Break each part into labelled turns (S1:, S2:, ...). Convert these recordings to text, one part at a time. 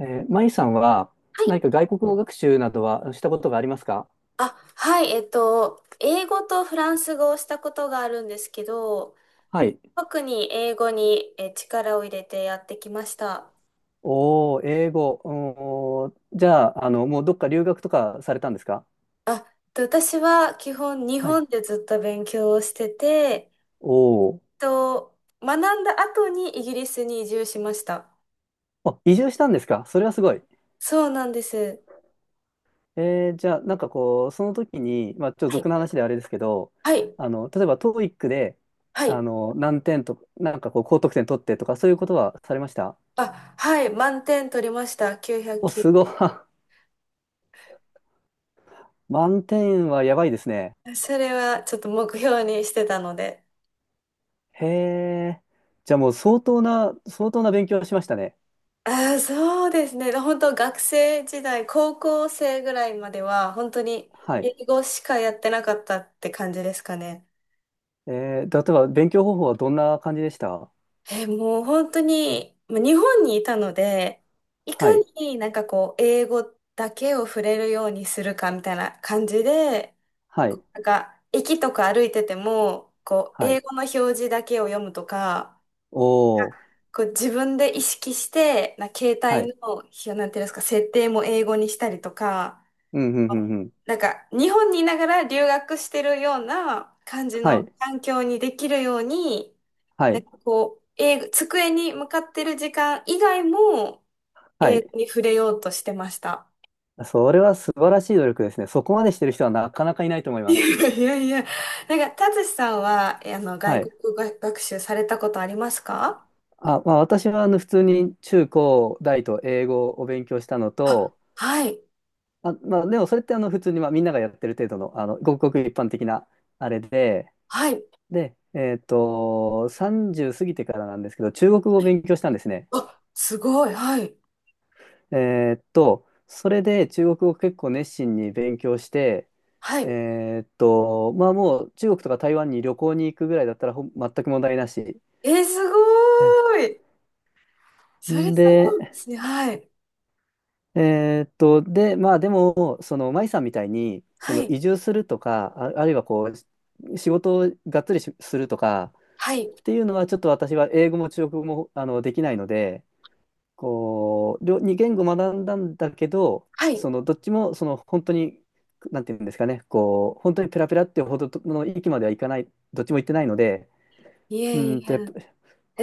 S1: マイさんは
S2: はい
S1: 何か外国語学習などはしたことがありますか？
S2: はい、英語とフランス語をしたことがあるんですけど、
S1: はい。
S2: 特に英語に力を入れてやってきました。
S1: おー、英語。おー、じゃあ、もうどっか留学とかされたんですか？
S2: あ、え私は基本日
S1: はい。
S2: 本でずっと勉強をしてて、
S1: おー。
S2: と、学んだ後にイギリスに移住しました。
S1: あ、移住したんですか？それはすごい。
S2: そうなんです。
S1: じゃあ、なんかこう、その時に、まあ、ちょっと
S2: はい、
S1: 俗な話であれですけど、
S2: はい、
S1: 例えば TOEIC で、
S2: はい。
S1: 何点とか、なんかこう、高得点取ってとか、そういうことはされました？
S2: あ、はい、満点取りました。
S1: お、すごい。
S2: 990。
S1: 満点はやばいですね。
S2: それはちょっと目標にしてたので。
S1: へえ。じゃあもう相当な勉強をしましたね。
S2: あー、そうですね。本当学生時代、高校生ぐらいまでは、本当に
S1: はい。
S2: 英語しかやってなかったって感じですかね。
S1: 例えば勉強方法はどんな感じでした？
S2: えー、もう本当に、まあ日本にいたので、いか
S1: はい。
S2: にこう、英語だけを触れるようにするかみたいな感じで、
S1: はい。
S2: なんか、駅とか歩いてても、こう、
S1: は
S2: 英
S1: い。
S2: 語の表示だけを読むとか、
S1: おー。
S2: こう自分で意識して、携
S1: はい。
S2: 帯の、なんていうんですか、設定も英語にしたりとか、
S1: うん、うん、うん、うん。
S2: なんか日本にいながら留学してるような感じ
S1: は
S2: の
S1: い。
S2: 環境にできるように、
S1: は
S2: なん
S1: い。
S2: かこう、英語、机に向かってる時間以外も
S1: は
S2: 英
S1: い。
S2: 語に触れようとしてました。
S1: それは素晴らしい努力ですね。そこまでしてる人はなかなかいないと思い
S2: い
S1: ます。
S2: やいやいや、なんか、たつしさんは、あの、
S1: は
S2: 外
S1: い。
S2: 国語学習されたことありますか？
S1: あ、まあ私はあの普通に中高大と英語を勉強したの
S2: あ、
S1: と、
S2: はい、
S1: あ、まあでもそれってあの普通にまあみんながやってる程度の、あのごくごく一般的なあれで、
S2: はい。
S1: で、30過ぎてからなんですけど、中国語を勉強したんですね。
S2: あ、すごい、はい、
S1: それで中国語を結構熱心に勉強して、
S2: はい。
S1: まあもう中国とか台湾に旅行に行くぐらいだったらほん全く問題なし。
S2: えー、すごーい。それすごいで
S1: で、
S2: すね。はい、
S1: で、まあでも、その、舞さんみたいに、そ
S2: は
S1: の
S2: い、
S1: 移住するとか、あ、あるいはこう、仕事をがっつりしするとか
S2: はい、
S1: っていうのは、ちょっと私は英語も中国語もあのできないので、こう、両二言語学んだんだけど、
S2: はい。
S1: そのどっちもその本当に、なんていうんですかね、こう、本当にペラペラっていうほどの域まではいかない、どっちも行ってないので、
S2: い
S1: う
S2: え
S1: ー
S2: い
S1: んと、やっ
S2: え。
S1: ぱ、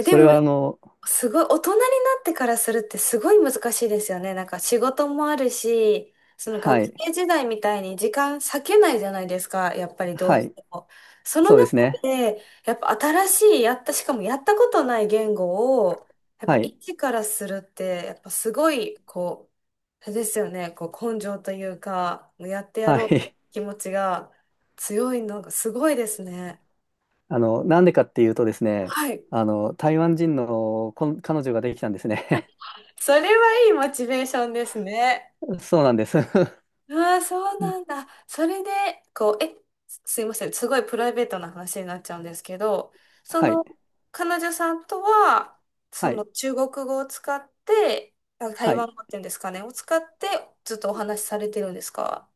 S2: え、で
S1: れ
S2: も、
S1: はあの、
S2: すごい、大人になってからするってすごい難しいですよね。なんか仕事もあるし、その
S1: は
S2: 学
S1: い、
S2: 生時代みたいに時間割けないじゃないですか、やっぱりどう
S1: は
S2: し
S1: い、
S2: ても。その
S1: そうで
S2: 中
S1: すね、
S2: で、やっぱ新しい、やった、しかもやったことない言語を、やっ
S1: は
S2: ぱ
S1: い、
S2: 一からするって、やっぱすごい、こう、あれですよね、こう根性というか、やってや
S1: は
S2: ろうって
S1: い、
S2: 気持ちが強いのがすごいですね。
S1: なんでかっていうとですね、
S2: はい。
S1: 台湾人のこん彼女ができたんですね。
S2: それはいいモチベーションですね。
S1: そうなんです。
S2: ああ、そうなんだ。それで、こう、え、すいません。すごいプライベートな話になっちゃうんですけど、そ
S1: はい、
S2: の、彼女さんとは、そ
S1: は
S2: の
S1: い、
S2: 中国語を使って、あ、台
S1: はい。
S2: 湾語っていうんですかね、を使って、ずっとお話しされてるんですか？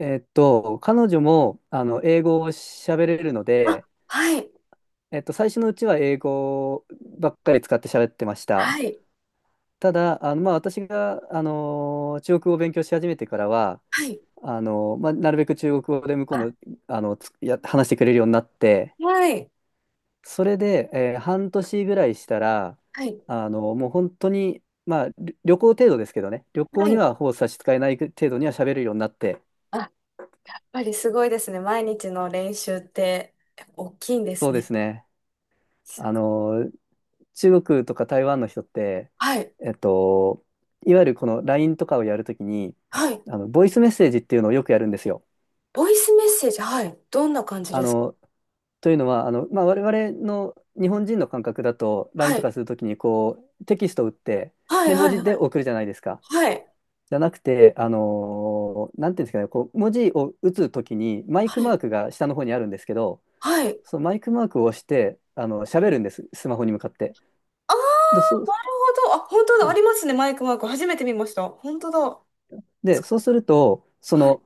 S1: 彼女も、英語を喋れるの
S2: あ、
S1: で、
S2: はい、
S1: 最初のうちは英語ばっかり使って喋ってました。
S2: はい、
S1: ただ、まあ、私が、あの中国語を勉強し始めてからは、
S2: はい、
S1: あのまあ、なるべく中国語で向こう
S2: あ、
S1: も、あの、つや、話してくれるようになって、
S2: はい、
S1: それで、えー半年ぐらいしたら、
S2: はい、
S1: あのもう本当に、まあ、り旅行程度ですけどね、旅
S2: は
S1: 行に
S2: い。
S1: はほぼ差し支えない程度には喋るようになって、
S2: あ、やっぱりすごいですね。毎日の練習って、やっぱ大きいんで
S1: そ
S2: す
S1: うで
S2: ね。
S1: すね。あの中国とか台湾の人って、
S2: はい、
S1: えっと、いわゆるこの LINE とかをやるときに、
S2: はい。
S1: ボイスメッセージっていうのをよくやるんですよ。
S2: ボイスメッセージ、はい。どんな感じ
S1: あ
S2: ですか？
S1: の、というのは、まあ、我々の日本人の感覚だと、LINE とかするときに、こう、テキストを打って、
S2: はい
S1: で、
S2: は
S1: 文
S2: い
S1: 字
S2: は
S1: で
S2: い。
S1: 送るじゃないですか。
S2: はい。
S1: じゃなくて、あのーなんていうんですかね、こう、文字を打つときに、マイ
S2: は
S1: クマー
S2: い。
S1: クが下の方にあるんですけど、
S2: はい。
S1: そのマイクマークを押して、喋るんです、スマホに向かって。
S2: ああ、
S1: で、そう、
S2: なるほど。あ、本当だ。ありますね。マイクマーク。初めて見ました。本当だ。つ
S1: で、そうすると、そ
S2: はい。
S1: の、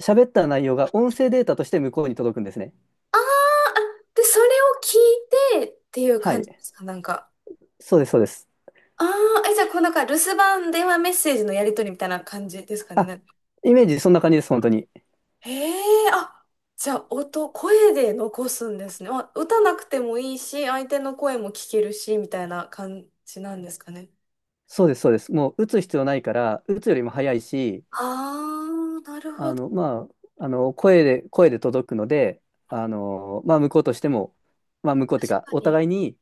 S1: 喋った内容が音声データとして向こうに届くんですね。
S2: あーあ、で、それを聞いてっていう
S1: は
S2: 感
S1: い。
S2: じですかなんか。
S1: そうです、そうです。
S2: ああ、え、じゃあ、こうなんか、留守番電話メッセージのやり取りみたいな感じですかね。
S1: あ、
S2: なんか
S1: イメージそんな感じです、本当に。
S2: へえ、あ、じゃあ、声で残すんですね。あ、歌なくてもいいし、相手の声も聞けるし、みたいな感じなんですかね。
S1: そうです、そうです。もう打つ必要ないから、打つよりも早いし、
S2: ああ、なるほど。
S1: まあ、声で届くので、まあ、向こうとしても、まあ、向こうっていう
S2: 確
S1: か、
S2: か
S1: お
S2: に。
S1: 互いに、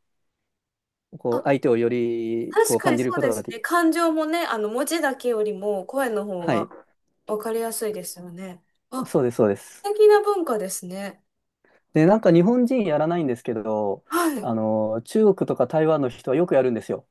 S1: こ
S2: あ
S1: う、相手をより、こ
S2: 確
S1: う、
S2: か
S1: 感
S2: に
S1: じ
S2: そ
S1: る
S2: う
S1: こ
S2: で
S1: とが
S2: す
S1: で
S2: ね。
S1: き、
S2: 感情もね、あの、文字だけよりも声の方
S1: はい。
S2: がわかりやすいですよね。あ、
S1: そうです、そうです。
S2: 素敵な文化ですね。
S1: で、なんか日本人やらないんですけど、
S2: はい。
S1: 中国とか台湾の人はよくやるんですよ。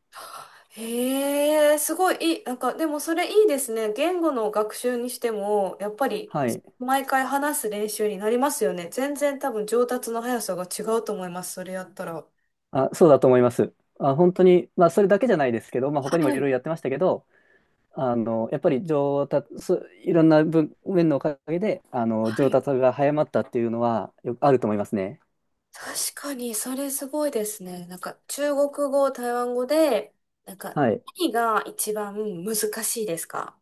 S2: へえ、すごいいい。なんか、でもそれいいですね。言語の学習にしても、やっぱり、
S1: はい。
S2: 毎回話す練習になりますよね。全然多分上達の速さが違うと思います。それやったら。
S1: あ、そうだと思います。あ、本当に、まあ、それだけじゃないですけど、まあ、
S2: は
S1: 他にもいろい
S2: い。
S1: ろやってましたけど、やっぱり上達、そいろんな分面のおかげで、
S2: は
S1: 上
S2: い、
S1: 達が早まったっていうのは、よあると思いますね。
S2: 確かに、それすごいですね。なんか、中国語、台湾語で、なんか、
S1: はい。
S2: 何が一番難しいですか？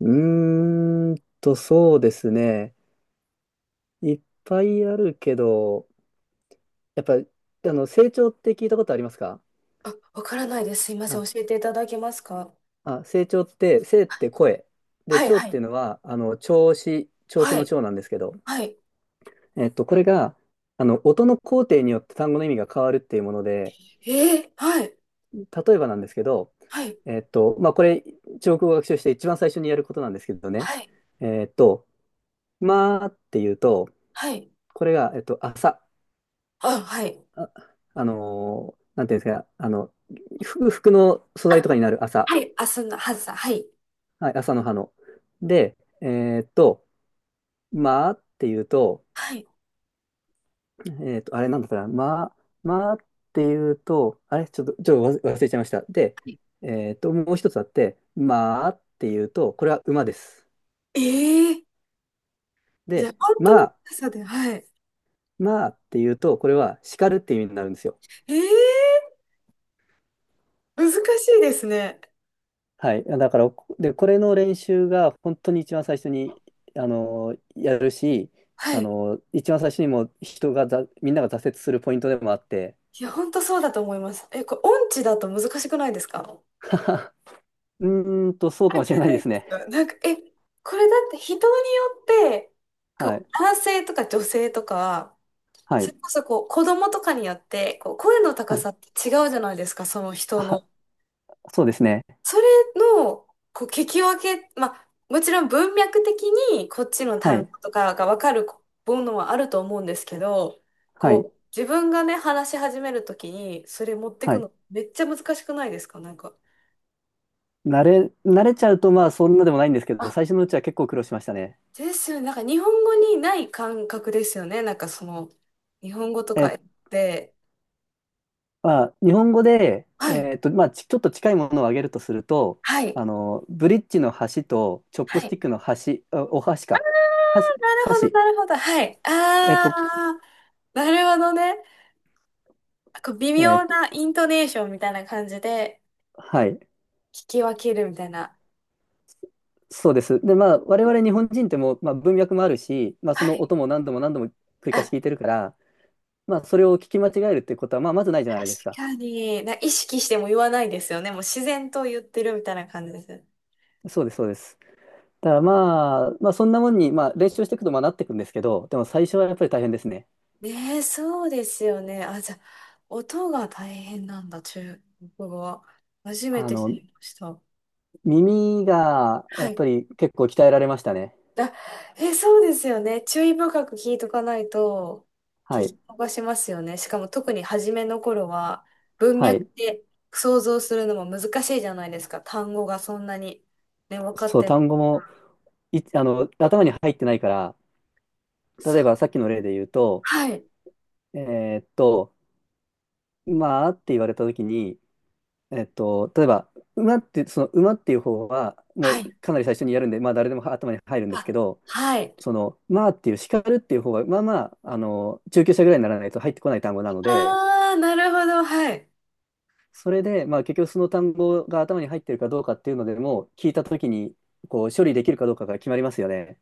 S1: うーんと、そうですね。いっぱいあるけど、やっぱ、成長って聞いたことありますか？
S2: あ、わからないです。すいませ
S1: あ、
S2: ん。教えていただけますか？
S1: あ、成長って、生って声。で、
S2: はい、
S1: 長っ
S2: は
S1: て
S2: い、
S1: いうのは、調子、調子
S2: は
S1: の
S2: い、
S1: 長なんですけど、
S2: はい。
S1: これが、音の工程によって単語の意味が変わるっていうもので、
S2: えー、はい、
S1: 例えばなんですけど、
S2: はい、
S1: まあ、これ、中国語を学習して一番最初にやることなんですけどね、
S2: はい、
S1: えっと、まあっていうと、
S2: はい。
S1: これが、朝、
S2: あ、はい。
S1: あ、あのーなんていうんですか、あの、服の素
S2: あ、
S1: 材とかになる朝、
S2: はい。あ、そんな、はずさ、はい。
S1: はい、朝の葉の。で、まあっていうと、
S2: はい。
S1: あれなんだったら、まあ、まあっていうと、あれちょっと、ちょっと忘れちゃいました。で、もう一つあって、まあっていうと、これは馬です。
S2: えー、じゃあ、
S1: で、
S2: 本当
S1: ま
S2: に、
S1: あ、
S2: そうで、はい。
S1: まあっていうと、これは叱るっていう意味になるんですよ。
S2: えー、難しいですね。
S1: はい。だから、で、これの練習が本当に一番最初に、やるし、
S2: はい。
S1: 一番最初にもう人がざ、みんなが挫折するポイントでもあって、
S2: いや、本当そうだと思います。え、これ、音痴だと難しくないですか？
S1: うーんと、そうかも
S2: 関
S1: しれ
S2: 係
S1: ない
S2: な
S1: で
S2: い
S1: す
S2: です
S1: ね。
S2: かなんか、え、これだって人によって、こ
S1: は
S2: う、
S1: い。
S2: 男性とか女性とか、
S1: は
S2: それ
S1: い。
S2: こそこう、子供とかによって、こう、声の高
S1: はい。
S2: さって違うじゃないですか、その人
S1: あ、
S2: の。
S1: そうですね。
S2: それの、こう、聞き分け、まあ、もちろん文脈的にこっちの
S1: は
S2: 単
S1: い、
S2: 語とかが分かるものはあると思うんですけど、
S1: はい、
S2: こう、自分がね、話し始めるときに、それ持って
S1: は
S2: く
S1: い。
S2: のめっちゃ難しくないですかなんか。
S1: 慣れちゃうとまあそんなでもないんですけど、
S2: あ
S1: 最初のうちは結構苦労しましたね。
S2: ですよね。なんか日本語にない感覚ですよね。なんかその、日本語とか
S1: え、
S2: で、
S1: まあ、日本語で、
S2: はい、
S1: まあ、ち、ちょっと近いものを挙げるとすると、
S2: はい、
S1: ブリッジの橋と、チョッ
S2: は
S1: プ
S2: い。
S1: ス
S2: な
S1: ティ
S2: る
S1: ックの橋、あお箸か。箸、
S2: ほど、
S1: 箸。
S2: なるほど、はい。
S1: えっ
S2: あ
S1: と、
S2: ー、なるほどね。なんか微
S1: え
S2: 妙
S1: っと、
S2: なイントネーションみたいな感じで
S1: はい。
S2: 聞き分けるみたいな。
S1: そうです。で、まあ、我々日本人ってもう、まあ、文脈もあるし、まあ、そ
S2: は
S1: の
S2: い。
S1: 音も何度も何度も繰り
S2: あ、
S1: 返し
S2: 確
S1: 聞いてるから、まあ、それを聞き間違えるっていうことは、まあ、まずないじゃないですか。
S2: かに。意識しても言わないですよね。もう自然と言ってるみたいな感じです。
S1: そうです、そうです。だからまあ、まあそんなもんに、まあ練習していくとまあなっていくんですけど、でも最初はやっぱり大変ですね。
S2: ねえ、そうですよね。あ、じゃあ、音が大変なんだ、中国語は。初め
S1: あ
S2: て知
S1: の、
S2: りました。
S1: 耳がや
S2: は
S1: っ
S2: い。
S1: ぱり結構鍛えられましたね。
S2: あ、え、そうですよね。注意深く聞いとかないと、聞
S1: はい。
S2: き逃しますよね。しかも特に初めの頃は、文
S1: は
S2: 脈
S1: い。
S2: で想像するのも難しいじゃないですか。単語がそんなに、ね、分かっ
S1: そう、
S2: てない。
S1: 単語もい、あの、頭に入ってないから、
S2: そ
S1: 例え
S2: う。
S1: ばさっきの例で言うと、
S2: はい。
S1: えーっと、まあって言われた時に、例えば、馬って、その馬っていう方は、も
S2: は
S1: う
S2: い。
S1: かなり最初にやるんで、まあ誰でも頭に入るんですけ
S2: あ、
S1: ど、
S2: はい。
S1: その、まあっていう、叱るっていう方が、まあまあ、中級者ぐらいにならないと入ってこない単語なので、
S2: あー、なるほど。はい。
S1: それで、まあ結局その単語が頭に入ってるかどうかっていうのでも、聞いたときに、こう、処理できるかどうかが決まりますよね。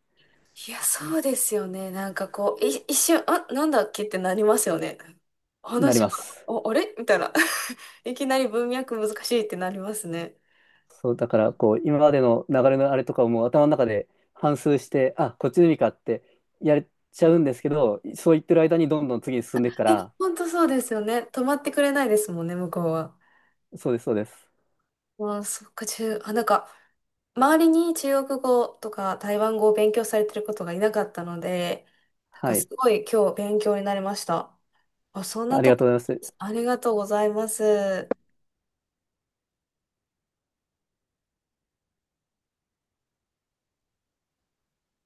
S2: いや、そうですよね。なんかこう、一瞬、あ、なんだっけってなりますよね。
S1: な
S2: 話
S1: りま
S2: が、
S1: す。
S2: お、あれみたいな。いきなり文脈難しいってなりますね。
S1: そう、だから、こう、今までの流れのあれとかをもう頭の中で反芻して、あ、こっちの意味かってやれちゃうんですけど、そう言ってる間にどんどん次に進んでいくか
S2: え、
S1: ら、
S2: 本当そうですよね。止まってくれないですもんね、向こうは。
S1: そうです、そうです。
S2: ああ、そっか、あ、なんか、周りに中国語とか台湾語を勉強されてることがいなかったので、なんか
S1: は
S2: す
S1: い。
S2: ごい今日勉強になりました。あ、そんな
S1: あり
S2: と
S1: がと
S2: こ、
S1: うございます。
S2: ありがとうございます。